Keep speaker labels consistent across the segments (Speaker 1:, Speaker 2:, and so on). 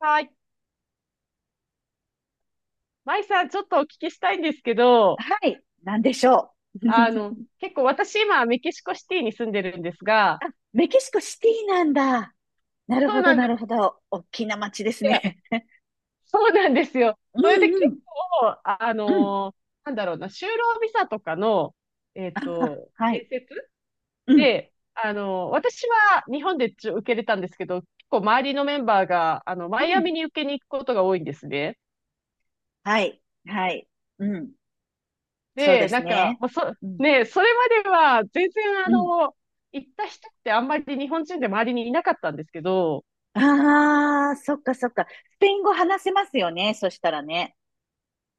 Speaker 1: はい。舞さん、ちょっとお聞きしたいんですけど、
Speaker 2: はい。なんでしょう。
Speaker 1: 結構私今、メキシコシティに住んでるんですが、
Speaker 2: あ、メキシコシティなんだ。なる
Speaker 1: そう
Speaker 2: ほど、
Speaker 1: なん
Speaker 2: な
Speaker 1: です。
Speaker 2: るほど。大きな街です
Speaker 1: や、
Speaker 2: ね。
Speaker 1: そうなんですよ。
Speaker 2: う
Speaker 1: それで
Speaker 2: ん
Speaker 1: 結
Speaker 2: うん、
Speaker 1: 構、
Speaker 2: うん。
Speaker 1: なんだろうな、就労ビザとかの、
Speaker 2: あ、はい。
Speaker 1: 面接
Speaker 2: うん、
Speaker 1: で、私は日本でちょ受けれたんですけど、結構周りのメンバーが、
Speaker 2: う
Speaker 1: マイアミ
Speaker 2: ん。
Speaker 1: に受けに行くことが多いんですね。
Speaker 2: はい、はい。うん。そうで
Speaker 1: で、な
Speaker 2: す
Speaker 1: んか、
Speaker 2: ね。
Speaker 1: まあ、そ、
Speaker 2: うん、
Speaker 1: ね、それまでは全然
Speaker 2: うん。
Speaker 1: 行った人ってあんまり日本人で周りにいなかったんですけど、
Speaker 2: ああ、そっかそっか。スペイン語話せますよね、そしたらね。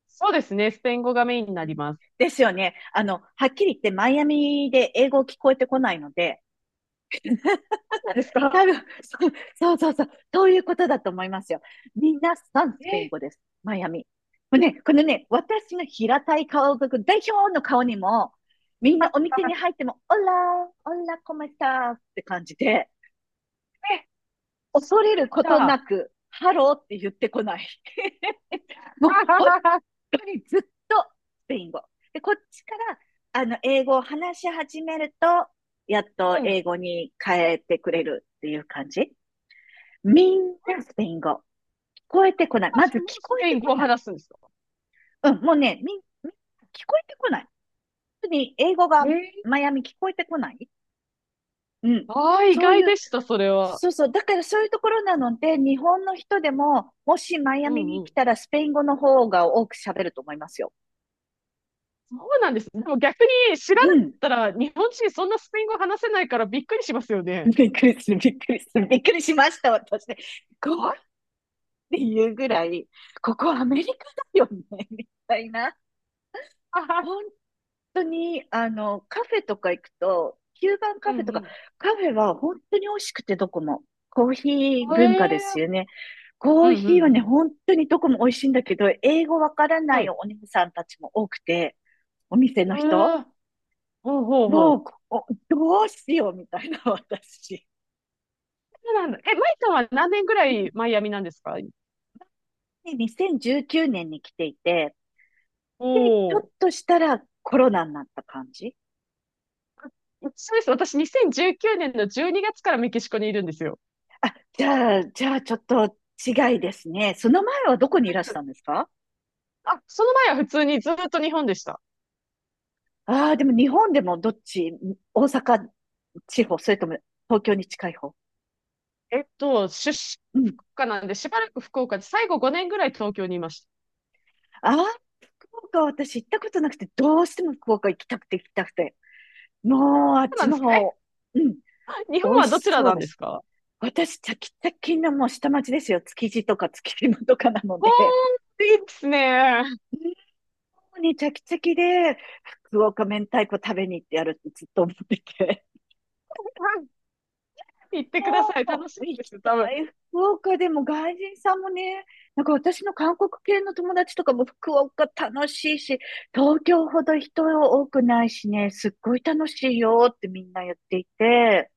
Speaker 1: そうですね、スペイン語がメインになります。
Speaker 2: ですよね。あの、はっきり言ってマイアミで英語聞こえてこないので、
Speaker 1: そうなんですか？
Speaker 2: 多分、そうそう、そういうことだと思いますよ。みんなさんス
Speaker 1: え、
Speaker 2: ペイン
Speaker 1: え、
Speaker 2: 語です、マイアミ。もうね、このね、私の平たい顔族代表の顔にも、みんなお店に入っても、オラー、オラコメスターって感じで、
Speaker 1: そ
Speaker 2: 恐れる
Speaker 1: う
Speaker 2: こ
Speaker 1: な
Speaker 2: と
Speaker 1: ん
Speaker 2: な
Speaker 1: だ。
Speaker 2: く、ハローって言ってこない。もう本 当にずっとスペイン語。で、こっちから、あの、英語を話し始めると、やっと
Speaker 1: うん、
Speaker 2: 英語に変えてくれるっていう感じ。みんなスペイン語。こえてこない。ま
Speaker 1: 私
Speaker 2: ず
Speaker 1: も
Speaker 2: 聞
Speaker 1: ス
Speaker 2: こえ
Speaker 1: ペイ
Speaker 2: て
Speaker 1: ン
Speaker 2: こ
Speaker 1: 語を
Speaker 2: ない。
Speaker 1: 話すんですか？
Speaker 2: うん、もうね、聞こえてこない。特に英語が
Speaker 1: えー、
Speaker 2: マイアミ聞こえてこない。うん。
Speaker 1: ああ、意
Speaker 2: そう
Speaker 1: 外
Speaker 2: いう、
Speaker 1: でした、それは。
Speaker 2: そうそう。だからそういうところなので、日本の人でも、もしマイア
Speaker 1: う
Speaker 2: ミ
Speaker 1: んう
Speaker 2: に来
Speaker 1: ん。
Speaker 2: たらスペイン語の方が多く喋ると思いますよ。
Speaker 1: そうなんです。でも逆に知らな
Speaker 2: う
Speaker 1: かっ
Speaker 2: ん。
Speaker 1: たら、日本人そんなスペイン語話せないからびっくりしますよね。
Speaker 2: びっくりする、びっくりする、びっくりしました、私ね。こうっていうぐらい、ここアメリカだよね、みたいな。
Speaker 1: あ
Speaker 2: 同
Speaker 1: は、
Speaker 2: 本当に、あの、カフェとか行くと、キューバン
Speaker 1: う
Speaker 2: カ
Speaker 1: ん
Speaker 2: フェとか、
Speaker 1: う
Speaker 2: カフェは本当に美味しくてどこも。コーヒー
Speaker 1: ん。
Speaker 2: 文化で
Speaker 1: え
Speaker 2: す
Speaker 1: ー、
Speaker 2: よね。コ
Speaker 1: う
Speaker 2: ー
Speaker 1: んうんう
Speaker 2: ヒーはね、
Speaker 1: ん。
Speaker 2: 本当にどこも美味しいんだけど、英語わからな
Speaker 1: は
Speaker 2: い
Speaker 1: い。
Speaker 2: お姉さんたちも多くて、お店
Speaker 1: え
Speaker 2: の人、
Speaker 1: ー、ほうほうほ
Speaker 2: も
Speaker 1: う。
Speaker 2: う、おどうしようみたいな私。
Speaker 1: そうなんだ。え、マイさんは何年ぐらいマイアミなんですか？
Speaker 2: で、2019年に来ていて、
Speaker 1: お
Speaker 2: で、ちょっ
Speaker 1: お、
Speaker 2: としたらコロナになった感じ。
Speaker 1: ー、そうです。私、2019年の12月からメキシコにいるんですよ。
Speaker 2: あ、じゃあ、じゃあちょっと違いですね。その前はどこにいらしたんですか？
Speaker 1: あ、その前は普通にずっと日本でした。
Speaker 2: ああ、でも日本でもどっち、大阪地方、それとも東京に近い方。
Speaker 1: 出身
Speaker 2: うん。
Speaker 1: 国家なんで、しばらく福岡で、最後5年ぐらい東京にいました。
Speaker 2: ああ、福岡は私行ったことなくて、どうしても福岡行きたくて行きたくて。もうあっ
Speaker 1: そうな
Speaker 2: ち
Speaker 1: んで
Speaker 2: の
Speaker 1: すか。え、
Speaker 2: 方、うん、
Speaker 1: 日
Speaker 2: 美
Speaker 1: 本
Speaker 2: 味
Speaker 1: はどち
Speaker 2: し
Speaker 1: ら
Speaker 2: そう
Speaker 1: なん
Speaker 2: だ
Speaker 1: です
Speaker 2: し。
Speaker 1: か？
Speaker 2: 私、チャキチャキのもう下町ですよ。築地とか築島とかなの
Speaker 1: ほ
Speaker 2: で。
Speaker 1: ーん、いいですね。
Speaker 2: もうね、チャキチャキで、福岡明太子食べに行ってやるってずっと思ってて。
Speaker 1: 行ってください。
Speaker 2: あ
Speaker 1: 楽
Speaker 2: ー
Speaker 1: しい
Speaker 2: 行
Speaker 1: で
Speaker 2: き
Speaker 1: すよ、
Speaker 2: た
Speaker 1: 多分。
Speaker 2: い。福岡でも外人さんもね、なんか私の韓国系の友達とかも福岡楽しいし、東京ほど人多くないしね、すっごい楽しいよってみんな言っていて、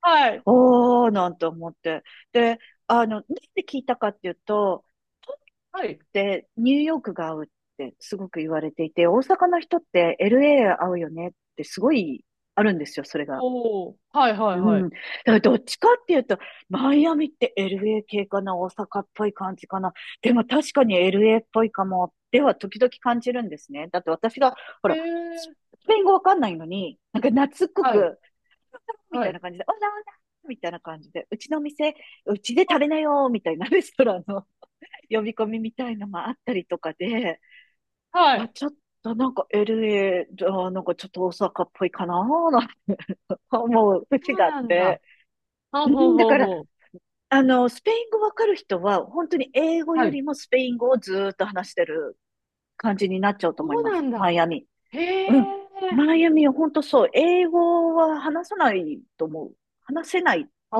Speaker 1: はい。
Speaker 2: おーなんて思って。で、あの、なんで聞いたかっていうと、東京の
Speaker 1: は
Speaker 2: 人っ
Speaker 1: い。
Speaker 2: てニューヨークが合うってすごく言われていて、大阪の人って LA 合うよねってすごいあるんですよ、それが。
Speaker 1: おー、はいはいは
Speaker 2: う
Speaker 1: い。
Speaker 2: ん。だからどっちかっていうと、マイアミって LA 系かな、大阪っぽい感じかな。でも確かに LA っぽいかも、では時々感じるんですね。だって私が、ほ
Speaker 1: え
Speaker 2: ら、ス
Speaker 1: ー、
Speaker 2: ペイン語わかんないのに、なんか懐っこ
Speaker 1: はい、
Speaker 2: く、み
Speaker 1: は
Speaker 2: たいな
Speaker 1: い。
Speaker 2: 感じで、オラオラみたいな感じで、うちの店、うちで食べなよ、みたいなレストランの 呼び込みみたいのもあったりとかで、
Speaker 1: は
Speaker 2: あ、
Speaker 1: い。
Speaker 2: ちょっとなんか LA、あなんかちょっと大阪っぽいかな、なんて思う
Speaker 1: そ
Speaker 2: 節
Speaker 1: う
Speaker 2: があっ
Speaker 1: なんだ。
Speaker 2: て。
Speaker 1: ほ
Speaker 2: う
Speaker 1: うほう
Speaker 2: ん、だ
Speaker 1: ほう
Speaker 2: から、
Speaker 1: ほう。
Speaker 2: あの、スペイン語わかる人は、本当に英語
Speaker 1: は
Speaker 2: よ
Speaker 1: い。
Speaker 2: りもスペイン語をずーっと話してる感じになっちゃうと
Speaker 1: そ
Speaker 2: 思い
Speaker 1: う
Speaker 2: ま
Speaker 1: な
Speaker 2: す、
Speaker 1: ん
Speaker 2: マ
Speaker 1: だ。
Speaker 2: イアミ。
Speaker 1: へえ。
Speaker 2: うん。マイアミは本当そう。英語は話さないと思う。話せない
Speaker 1: あ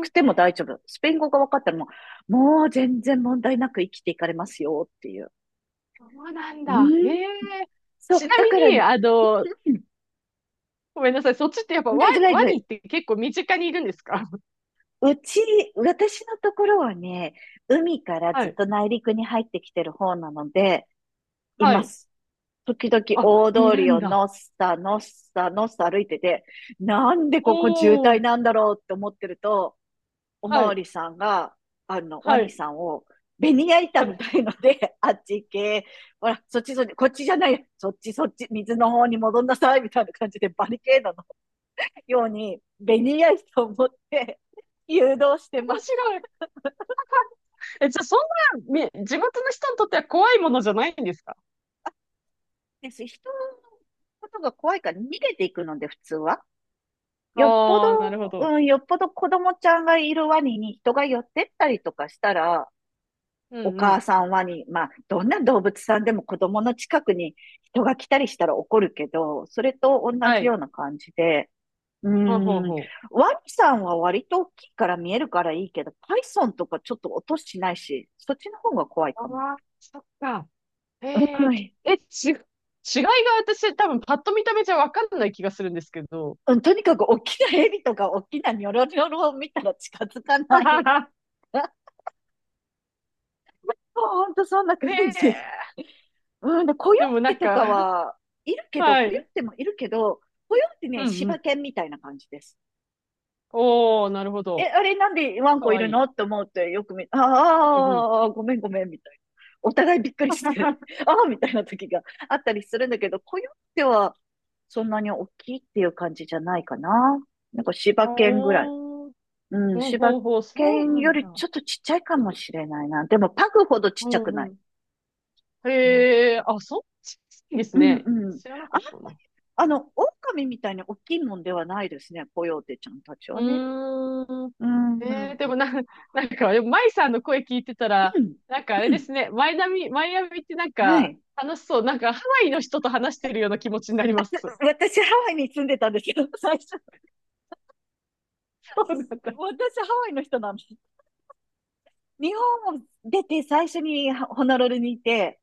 Speaker 2: くても大丈夫。スペイン語が分かったらもう全然問題なく生きていかれますよっていう。
Speaker 1: そうなん
Speaker 2: う
Speaker 1: だ。へ
Speaker 2: ん。
Speaker 1: え。
Speaker 2: そう。
Speaker 1: ちな
Speaker 2: だ
Speaker 1: み
Speaker 2: から、う
Speaker 1: に、
Speaker 2: ん、
Speaker 1: ごめんなさい。そっちってやっぱ
Speaker 2: うん。
Speaker 1: ワ、
Speaker 2: 大丈夫、大
Speaker 1: ワ
Speaker 2: 丈
Speaker 1: ニ
Speaker 2: 夫。
Speaker 1: って結構身近にいるんですか？
Speaker 2: うち、私のところはね、海から
Speaker 1: は
Speaker 2: ずっ
Speaker 1: い。
Speaker 2: と内陸に入ってきてる方なので、い
Speaker 1: は
Speaker 2: ま
Speaker 1: い。
Speaker 2: す。時々
Speaker 1: あ、
Speaker 2: 大
Speaker 1: い
Speaker 2: 通
Speaker 1: る
Speaker 2: り
Speaker 1: ん
Speaker 2: を
Speaker 1: だ。
Speaker 2: のっさ歩いてて、なんで
Speaker 1: お
Speaker 2: ここ渋
Speaker 1: お。
Speaker 2: 滞なんだろうって思ってると、お
Speaker 1: は
Speaker 2: まわ
Speaker 1: い。
Speaker 2: りさんが、あの、ワ
Speaker 1: は
Speaker 2: ニ
Speaker 1: い。
Speaker 2: さんを、ベニヤ板
Speaker 1: は
Speaker 2: み
Speaker 1: い。
Speaker 2: たいので、あっち行け、ほら、そっちそっち、こっちじゃない、そっちそっち、水の方に戻んなさい、みたいな感じで、バリケードのように、ベニヤ板を持って誘導してま
Speaker 1: 面
Speaker 2: す。
Speaker 1: 白い。え、じゃあそんな、み、地元の人にとっては怖いものじゃないんですか？
Speaker 2: です。人のことが怖いから逃げていくので、普通は。よっぽど、
Speaker 1: ああー、なるほど。
Speaker 2: うん、よっぽど子供ちゃんがいるワニに人が寄ってったりとかしたら、
Speaker 1: う
Speaker 2: お
Speaker 1: んう
Speaker 2: 母
Speaker 1: ん。
Speaker 2: さんワニ、まあ、どんな動物さんでも子供の近くに人が来たりしたら怒るけど、それと同
Speaker 1: は
Speaker 2: じよ
Speaker 1: い。
Speaker 2: うな感じで、う
Speaker 1: ほうほう
Speaker 2: ーん、
Speaker 1: ほ
Speaker 2: ワニさんは割と大きいから見えるからいいけど、パイソンとかちょっと音しないし、そっちの方が怖いか
Speaker 1: う。
Speaker 2: も。
Speaker 1: ああ、そっか。
Speaker 2: う
Speaker 1: えー、
Speaker 2: ん、
Speaker 1: え、ち、違いが私多分パッと見た目じゃわかんない気がするんですけど。
Speaker 2: うん、とにかく大きなヘビとか大きなニョロニョロを見たら近づかない。ほんとそんな感
Speaker 1: へ
Speaker 2: じ。
Speaker 1: え、
Speaker 2: うん、で、コヨ
Speaker 1: でも
Speaker 2: ー
Speaker 1: な
Speaker 2: テ
Speaker 1: ん
Speaker 2: と
Speaker 1: か、
Speaker 2: か はいるけど、
Speaker 1: は
Speaker 2: コヨー
Speaker 1: い。
Speaker 2: テもいるけど、コヨーテ
Speaker 1: う
Speaker 2: ね、
Speaker 1: んう
Speaker 2: 柴
Speaker 1: ん。
Speaker 2: 犬みたいな感じです。
Speaker 1: おー、なるほ
Speaker 2: え、
Speaker 1: ど。
Speaker 2: あれなんでワン
Speaker 1: か
Speaker 2: コい
Speaker 1: わ
Speaker 2: る
Speaker 1: いい。
Speaker 2: のって思ってよく見、
Speaker 1: うんうん。
Speaker 2: ああ、ごめんごめんみたいな。お互いびっくりして、ああ、みたいな時があったりするんだけど、コヨーテはそんなに大きいっていう感じじゃないかな。なんか柴犬ぐらい。
Speaker 1: おー、
Speaker 2: うん、
Speaker 1: ほう
Speaker 2: 柴
Speaker 1: ほうほう、そう
Speaker 2: 犬
Speaker 1: なん
Speaker 2: よ
Speaker 1: だ。
Speaker 2: りちょっとちっちゃいかもしれないな。でもパグほどちっ
Speaker 1: う
Speaker 2: ちゃ
Speaker 1: ん
Speaker 2: くな
Speaker 1: う
Speaker 2: い。
Speaker 1: ん。
Speaker 2: うん
Speaker 1: へえ、あ、そう、好きです
Speaker 2: うん
Speaker 1: ね。
Speaker 2: うん。
Speaker 1: 知らなかったな。
Speaker 2: あの、狼みたいに大きいもんではないですね、コヨーテちゃんたち
Speaker 1: う
Speaker 2: はね。
Speaker 1: ーん。
Speaker 2: うん。う
Speaker 1: えー、で
Speaker 2: ん
Speaker 1: もな、なんか、でも舞さんの声聞いてたら、
Speaker 2: うん。
Speaker 1: なんかあれ
Speaker 2: う
Speaker 1: で
Speaker 2: ん、
Speaker 1: すね、マイナミ、マイアミってなん
Speaker 2: は
Speaker 1: か、
Speaker 2: い。
Speaker 1: 楽しそう。なんか、ハワイの人と話してるような気持ちになり
Speaker 2: あ
Speaker 1: ます。
Speaker 2: と私、ハワイに住んでたんですよ、最初。
Speaker 1: そうなんだ。
Speaker 2: 私、ハワイの人なんです。日本を出て最初にホノルルにいて、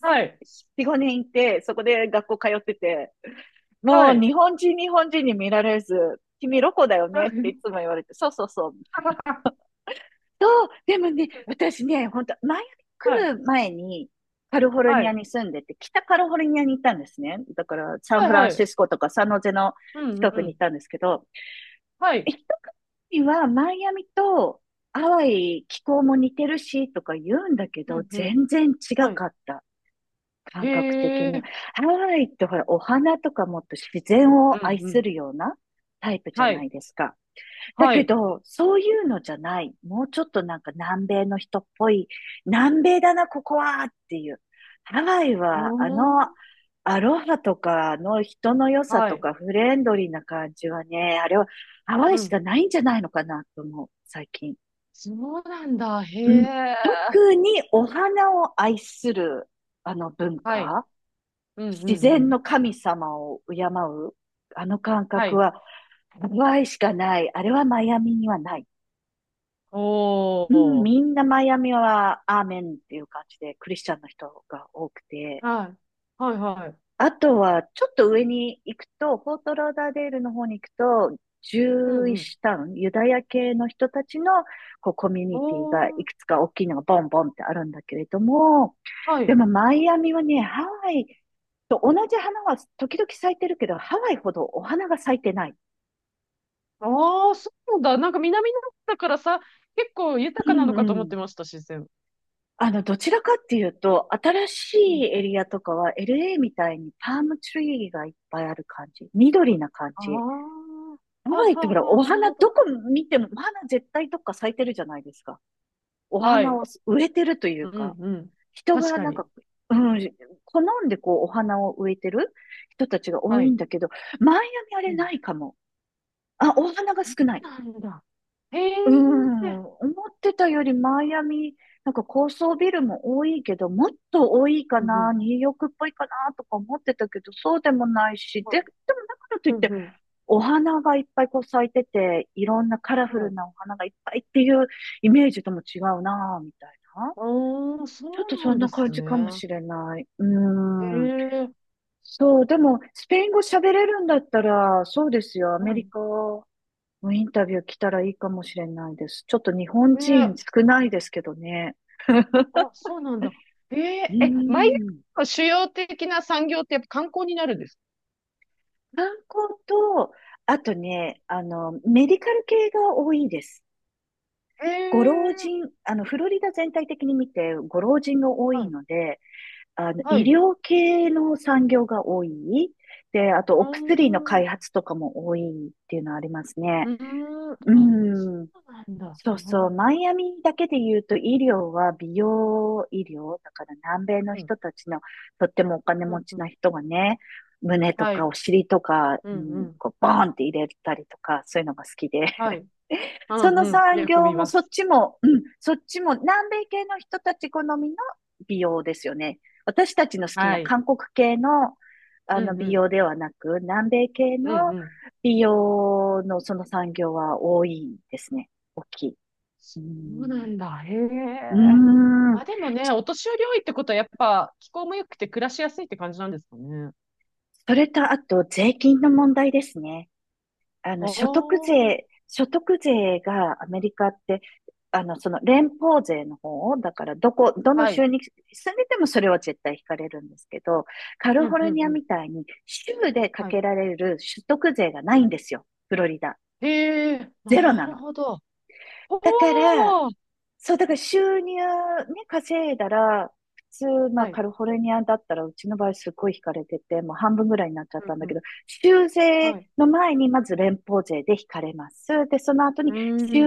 Speaker 1: はい。
Speaker 2: 4、5年いて、そこで学校通ってて、も
Speaker 1: は
Speaker 2: う日
Speaker 1: い。
Speaker 2: 本人、日本人に見られず、君ロコだよ
Speaker 1: は
Speaker 2: ねって
Speaker 1: い。
Speaker 2: いつも言われて、そうそうそう、そう。でもね、私ね、本当前
Speaker 1: は
Speaker 2: 来
Speaker 1: い。
Speaker 2: る前に、カリフォル
Speaker 1: は
Speaker 2: ニア
Speaker 1: い。
Speaker 2: に住んでて、北カリフォルニアに行ったんですね。だから、サン
Speaker 1: は
Speaker 2: フ
Speaker 1: い。
Speaker 2: ラ
Speaker 1: は
Speaker 2: ンシ
Speaker 1: い。
Speaker 2: スコとかサンノゼの
Speaker 1: うん。
Speaker 2: 近
Speaker 1: う
Speaker 2: くに行っ
Speaker 1: ん。
Speaker 2: たんですけど、
Speaker 1: はい。
Speaker 2: 一国はマイアミとハワイ気候も似てるしとか言うんだけ
Speaker 1: う
Speaker 2: ど、
Speaker 1: ん。うん。
Speaker 2: 全然違
Speaker 1: はい。
Speaker 2: かった。
Speaker 1: へ
Speaker 2: 感覚的に。
Speaker 1: え。
Speaker 2: ハワイってほら、お花とかもっと自然
Speaker 1: う
Speaker 2: を
Speaker 1: ん。
Speaker 2: 愛
Speaker 1: う
Speaker 2: す
Speaker 1: ん。
Speaker 2: るようなタイプじゃ
Speaker 1: は
Speaker 2: ない
Speaker 1: い。
Speaker 2: ですか。だ
Speaker 1: は
Speaker 2: け
Speaker 1: い。
Speaker 2: ど、そういうのじゃない。もうちょっとなんか南米の人っぽい、南米だな、ここはっていう。ハワイは、
Speaker 1: お
Speaker 2: あ
Speaker 1: ー。
Speaker 2: の、アロハとかの人の良さ
Speaker 1: は
Speaker 2: と
Speaker 1: い。
Speaker 2: かフレンドリーな感じはね、あれはハワ
Speaker 1: う
Speaker 2: イし
Speaker 1: ん。
Speaker 2: かないんじゃないのかなと思う、最近。
Speaker 1: そうなんだ。へ
Speaker 2: うん、
Speaker 1: え。
Speaker 2: 特にお花を愛するあの文
Speaker 1: はい。
Speaker 2: 化、
Speaker 1: うん。う
Speaker 2: 自
Speaker 1: ん。う
Speaker 2: 然
Speaker 1: ん。
Speaker 2: の神様を敬う、あの感
Speaker 1: は
Speaker 2: 覚
Speaker 1: い。
Speaker 2: はハワイしかない。あれはマイアミにはない。
Speaker 1: お
Speaker 2: うん、
Speaker 1: ー。
Speaker 2: みんなマイアミはアーメンっていう感じで、クリスチャンの人が多くて、
Speaker 1: はい。はいはい。
Speaker 2: あとはちょっと上に行くと、フォートローダーデールの方に行くと、ジ
Speaker 1: う
Speaker 2: ュー
Speaker 1: ん
Speaker 2: イ
Speaker 1: う
Speaker 2: ッ
Speaker 1: ん。
Speaker 2: シュタウン、ユダヤ系の人たちのこうコミュ
Speaker 1: お
Speaker 2: ニティがい
Speaker 1: ー。
Speaker 2: くつか大きいのがボンボンってあるんだけれども、
Speaker 1: は
Speaker 2: で
Speaker 1: い。
Speaker 2: もマイアミはね、ハワイと同じ花は時々咲いてるけど、ハワイほどお花が咲いてない。
Speaker 1: ああ、そうなんだ。なんか南の方だからさ、結構豊
Speaker 2: う
Speaker 1: かなのかと思っ
Speaker 2: ん、
Speaker 1: てました、自然。
Speaker 2: どちらかっていうと、新し
Speaker 1: う
Speaker 2: い
Speaker 1: ん、
Speaker 2: エリアとかは LA みたいにパームツリーがいっぱいある感じ。緑な感
Speaker 1: ああ、
Speaker 2: じ。
Speaker 1: は
Speaker 2: ハ
Speaker 1: あ
Speaker 2: ワイっ
Speaker 1: は
Speaker 2: て
Speaker 1: あ
Speaker 2: ほら、
Speaker 1: はあ、
Speaker 2: お
Speaker 1: なる
Speaker 2: 花
Speaker 1: ほど。
Speaker 2: どこ見ても、お花絶対どっか咲いてるじゃないですか。お
Speaker 1: は
Speaker 2: 花
Speaker 1: い。
Speaker 2: を植えてるとい
Speaker 1: う
Speaker 2: う
Speaker 1: ん
Speaker 2: か、
Speaker 1: うん。
Speaker 2: 人
Speaker 1: 確
Speaker 2: が
Speaker 1: か
Speaker 2: なんか、
Speaker 1: に。
Speaker 2: うん、好んでこうお花を植えてる人たちが多
Speaker 1: は
Speaker 2: いん
Speaker 1: い。
Speaker 2: だけど、マイアミあ
Speaker 1: う
Speaker 2: れ
Speaker 1: ん。
Speaker 2: ないかも。あ、お花が
Speaker 1: そう
Speaker 2: 少ない。
Speaker 1: なんだ。へえ。
Speaker 2: うん、思ってたよりマイアミ、なんか高層ビルも多いけど、もっと多い
Speaker 1: う
Speaker 2: か
Speaker 1: んう
Speaker 2: な、
Speaker 1: ん。
Speaker 2: ニューヨークっぽいかなとか思ってたけど、そうでもないし、で、で
Speaker 1: はい。
Speaker 2: もだからとい
Speaker 1: う
Speaker 2: っ
Speaker 1: ん
Speaker 2: て、
Speaker 1: うん。
Speaker 2: お花がいっぱいこう咲いてて、いろんなカラフ
Speaker 1: は
Speaker 2: ル
Speaker 1: い。
Speaker 2: なお花がいっぱいっていうイメージとも違うな、みたいな。
Speaker 1: ああ、そ
Speaker 2: ちょっと
Speaker 1: うな
Speaker 2: そ
Speaker 1: ん
Speaker 2: ん
Speaker 1: で
Speaker 2: な
Speaker 1: す
Speaker 2: 感じかも
Speaker 1: ね。
Speaker 2: しれない。う
Speaker 1: へ
Speaker 2: ん。
Speaker 1: え。
Speaker 2: そう、でも、スペイン語喋れるんだったら、そうですよ、アメ
Speaker 1: は
Speaker 2: リ
Speaker 1: い。
Speaker 2: カもうインタビュー来たらいいかもしれないです。ちょっと日本
Speaker 1: へえ。
Speaker 2: 人少ないですけどね。
Speaker 1: あ、そうなんだ。え
Speaker 2: うー
Speaker 1: ええ、マイアミ
Speaker 2: ん。
Speaker 1: の主要的な産業ってやっぱ観光になるんです
Speaker 2: 観光と、あとね、メディカル系が多いです。
Speaker 1: か？ええ
Speaker 2: ご老
Speaker 1: ー、
Speaker 2: 人、フロリダ全体的に見て、ご老人が多
Speaker 1: は
Speaker 2: い
Speaker 1: い、
Speaker 2: ので、
Speaker 1: は
Speaker 2: 医
Speaker 1: い。
Speaker 2: 療系の産業が多い。で、あと、
Speaker 1: う
Speaker 2: お
Speaker 1: ー
Speaker 2: 薬の
Speaker 1: ん、
Speaker 2: 開
Speaker 1: う
Speaker 2: 発とかも多いっていうのはあります
Speaker 1: ー
Speaker 2: ね。
Speaker 1: ん、
Speaker 2: う
Speaker 1: あ、そ
Speaker 2: ん。
Speaker 1: うなんだ。
Speaker 2: そ
Speaker 1: す
Speaker 2: う
Speaker 1: ご
Speaker 2: そ
Speaker 1: い、
Speaker 2: う、マイアミだけで言うと医療は美容医療、だから南米の
Speaker 1: うん、
Speaker 2: 人たちのとってもお金
Speaker 1: うん、
Speaker 2: 持
Speaker 1: う
Speaker 2: ち
Speaker 1: ん。
Speaker 2: な人がね、胸と
Speaker 1: は
Speaker 2: か
Speaker 1: い、
Speaker 2: お尻とか
Speaker 1: うん、う
Speaker 2: に
Speaker 1: ん、
Speaker 2: こうボーンって入れたりとか、そういうのが好きで、
Speaker 1: はい、う
Speaker 2: そ
Speaker 1: ん、
Speaker 2: の
Speaker 1: うん。
Speaker 2: 産
Speaker 1: よく
Speaker 2: 業
Speaker 1: 見
Speaker 2: も
Speaker 1: ま
Speaker 2: そっ
Speaker 1: す。
Speaker 2: ちも、うん、そっちも南米系の人たち好みの美容ですよね。私たちの好き
Speaker 1: は
Speaker 2: な
Speaker 1: い、
Speaker 2: 韓国系の、あ
Speaker 1: う
Speaker 2: の
Speaker 1: ん、う
Speaker 2: 美
Speaker 1: ん、
Speaker 2: 容ではなく、南米系の
Speaker 1: うん、うん。
Speaker 2: 美容のその産業は多いですね。大きい。
Speaker 1: そ
Speaker 2: う
Speaker 1: うな
Speaker 2: ん。
Speaker 1: んだ。へ
Speaker 2: う
Speaker 1: え。
Speaker 2: ー
Speaker 1: ま
Speaker 2: ん。
Speaker 1: あでもね、お年寄り多いってことはやっぱ気候も良くて暮らしやすいって感じなんですかね。
Speaker 2: それと、あと、税金の問題ですね。
Speaker 1: おー。
Speaker 2: 所得税がアメリカって、その連邦税の方、だから、どの
Speaker 1: は
Speaker 2: 州
Speaker 1: い。
Speaker 2: に住んでてもそれは絶対引かれるんですけど、カリフ
Speaker 1: う
Speaker 2: ォ
Speaker 1: ん、う
Speaker 2: ル
Speaker 1: ん、
Speaker 2: ニ
Speaker 1: う
Speaker 2: ア
Speaker 1: ん。
Speaker 2: みたいに州でか
Speaker 1: はい、
Speaker 2: けられる所得税がないんですよ。フロリダ。
Speaker 1: へえ、
Speaker 2: ゼロ
Speaker 1: な
Speaker 2: な
Speaker 1: る
Speaker 2: の。
Speaker 1: ほど。ほ
Speaker 2: だから、
Speaker 1: う。
Speaker 2: そう、だから収入ね、稼いだら、普通、まあ、
Speaker 1: はい。
Speaker 2: カリフォルニアだったら、うちの場合すごい引かれてて、もう半分ぐらいになっちゃっ
Speaker 1: う
Speaker 2: た
Speaker 1: ん
Speaker 2: ん
Speaker 1: う
Speaker 2: だけ
Speaker 1: ん。
Speaker 2: ど、州税
Speaker 1: はい。
Speaker 2: の前にまず連邦税で引かれます。で、その後
Speaker 1: う
Speaker 2: に
Speaker 1: ー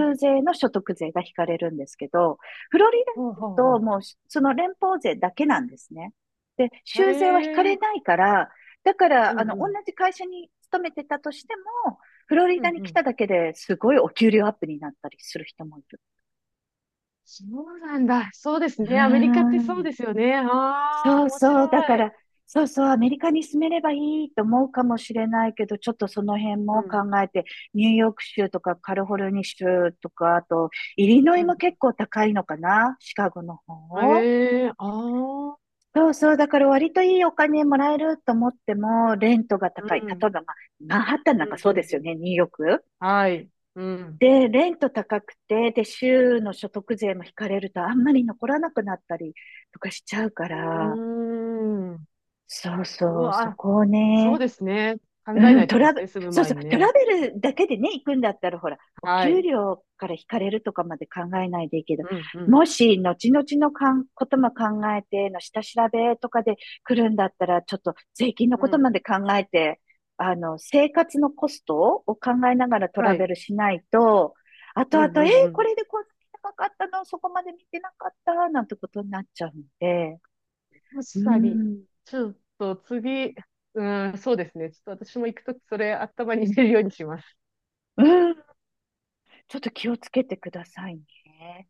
Speaker 1: ん。
Speaker 2: 税の所得税が引かれるんですけど、フロリ
Speaker 1: ほう
Speaker 2: ダ
Speaker 1: ほう
Speaker 2: だと
Speaker 1: ほ
Speaker 2: もうその連邦税だけなんですね。で、
Speaker 1: う。
Speaker 2: 州税は引か
Speaker 1: へ
Speaker 2: れ
Speaker 1: え。
Speaker 2: ないから、だか
Speaker 1: うん
Speaker 2: ら、
Speaker 1: う
Speaker 2: 同
Speaker 1: ん。
Speaker 2: じ会社に勤めてたとしても、フロリ
Speaker 1: う
Speaker 2: ダ
Speaker 1: ん
Speaker 2: に
Speaker 1: う
Speaker 2: 来た
Speaker 1: ん。
Speaker 2: だけですごいお給料アップになったりする人もい、
Speaker 1: そうなんだ。そうです
Speaker 2: うー
Speaker 1: ね。アメリカってそう
Speaker 2: ん、
Speaker 1: ですよね。ああ、
Speaker 2: そう
Speaker 1: 面
Speaker 2: そう、だか
Speaker 1: 白い。
Speaker 2: ら、そうそう、アメリカに住めればいいと思うかもしれないけど、ちょっとその辺
Speaker 1: う
Speaker 2: も考
Speaker 1: ん。
Speaker 2: えて、ニューヨーク州とかカリフォルニア州とか、あと、イリノ
Speaker 1: う
Speaker 2: イ
Speaker 1: ん
Speaker 2: も結構高いのかな、シカゴの
Speaker 1: うん。
Speaker 2: 方。
Speaker 1: へえ。ああ。
Speaker 2: そうそう、だから割といいお金もらえると思っても、レントが
Speaker 1: う
Speaker 2: 高い。例え
Speaker 1: ん。
Speaker 2: ば、まあ、マンハッタンな
Speaker 1: う
Speaker 2: んか
Speaker 1: ん
Speaker 2: そ
Speaker 1: う
Speaker 2: うで
Speaker 1: ん
Speaker 2: す
Speaker 1: う
Speaker 2: よ
Speaker 1: ん。
Speaker 2: ね、ニューヨーク。
Speaker 1: はい。うん。
Speaker 2: で、レント高くて、で、州の所得税も引かれると、あんまり残らなくなったりとかしちゃうか
Speaker 1: う
Speaker 2: ら、
Speaker 1: ーん。
Speaker 2: そう
Speaker 1: う
Speaker 2: そう、そ
Speaker 1: わ、
Speaker 2: こを
Speaker 1: そう
Speaker 2: ね、
Speaker 1: ですね。考え
Speaker 2: う
Speaker 1: な
Speaker 2: ん、
Speaker 1: いと
Speaker 2: ト
Speaker 1: で
Speaker 2: ラ
Speaker 1: す
Speaker 2: ブ、
Speaker 1: ね。住む
Speaker 2: そう
Speaker 1: 前
Speaker 2: そう、
Speaker 1: に
Speaker 2: ト
Speaker 1: ね。
Speaker 2: ラベルだけでね、行くんだったら、ほら、お
Speaker 1: は
Speaker 2: 給
Speaker 1: い。
Speaker 2: 料から引かれるとかまで考えないでいいけど、
Speaker 1: うんうん。
Speaker 2: もし、後々のかん、ことも考えての下調べとかで来るんだったら、ちょっと税金の
Speaker 1: う
Speaker 2: こと
Speaker 1: ん。
Speaker 2: まで考えて、生活のコストを考えながらト
Speaker 1: は
Speaker 2: ラベ
Speaker 1: い。
Speaker 2: ルしないと、後
Speaker 1: う
Speaker 2: 々、
Speaker 1: んうんう
Speaker 2: こ
Speaker 1: ん、
Speaker 2: れでこんなに高かったの、そこまで見てなかった、なんてことになっちゃうんで、う
Speaker 1: 確かに。
Speaker 2: ん。
Speaker 1: ちょっと次、うん、そうですね。ちょっと私も行くときそれ頭に入れるようにします。
Speaker 2: うん、ちょっと気をつけてくださいね。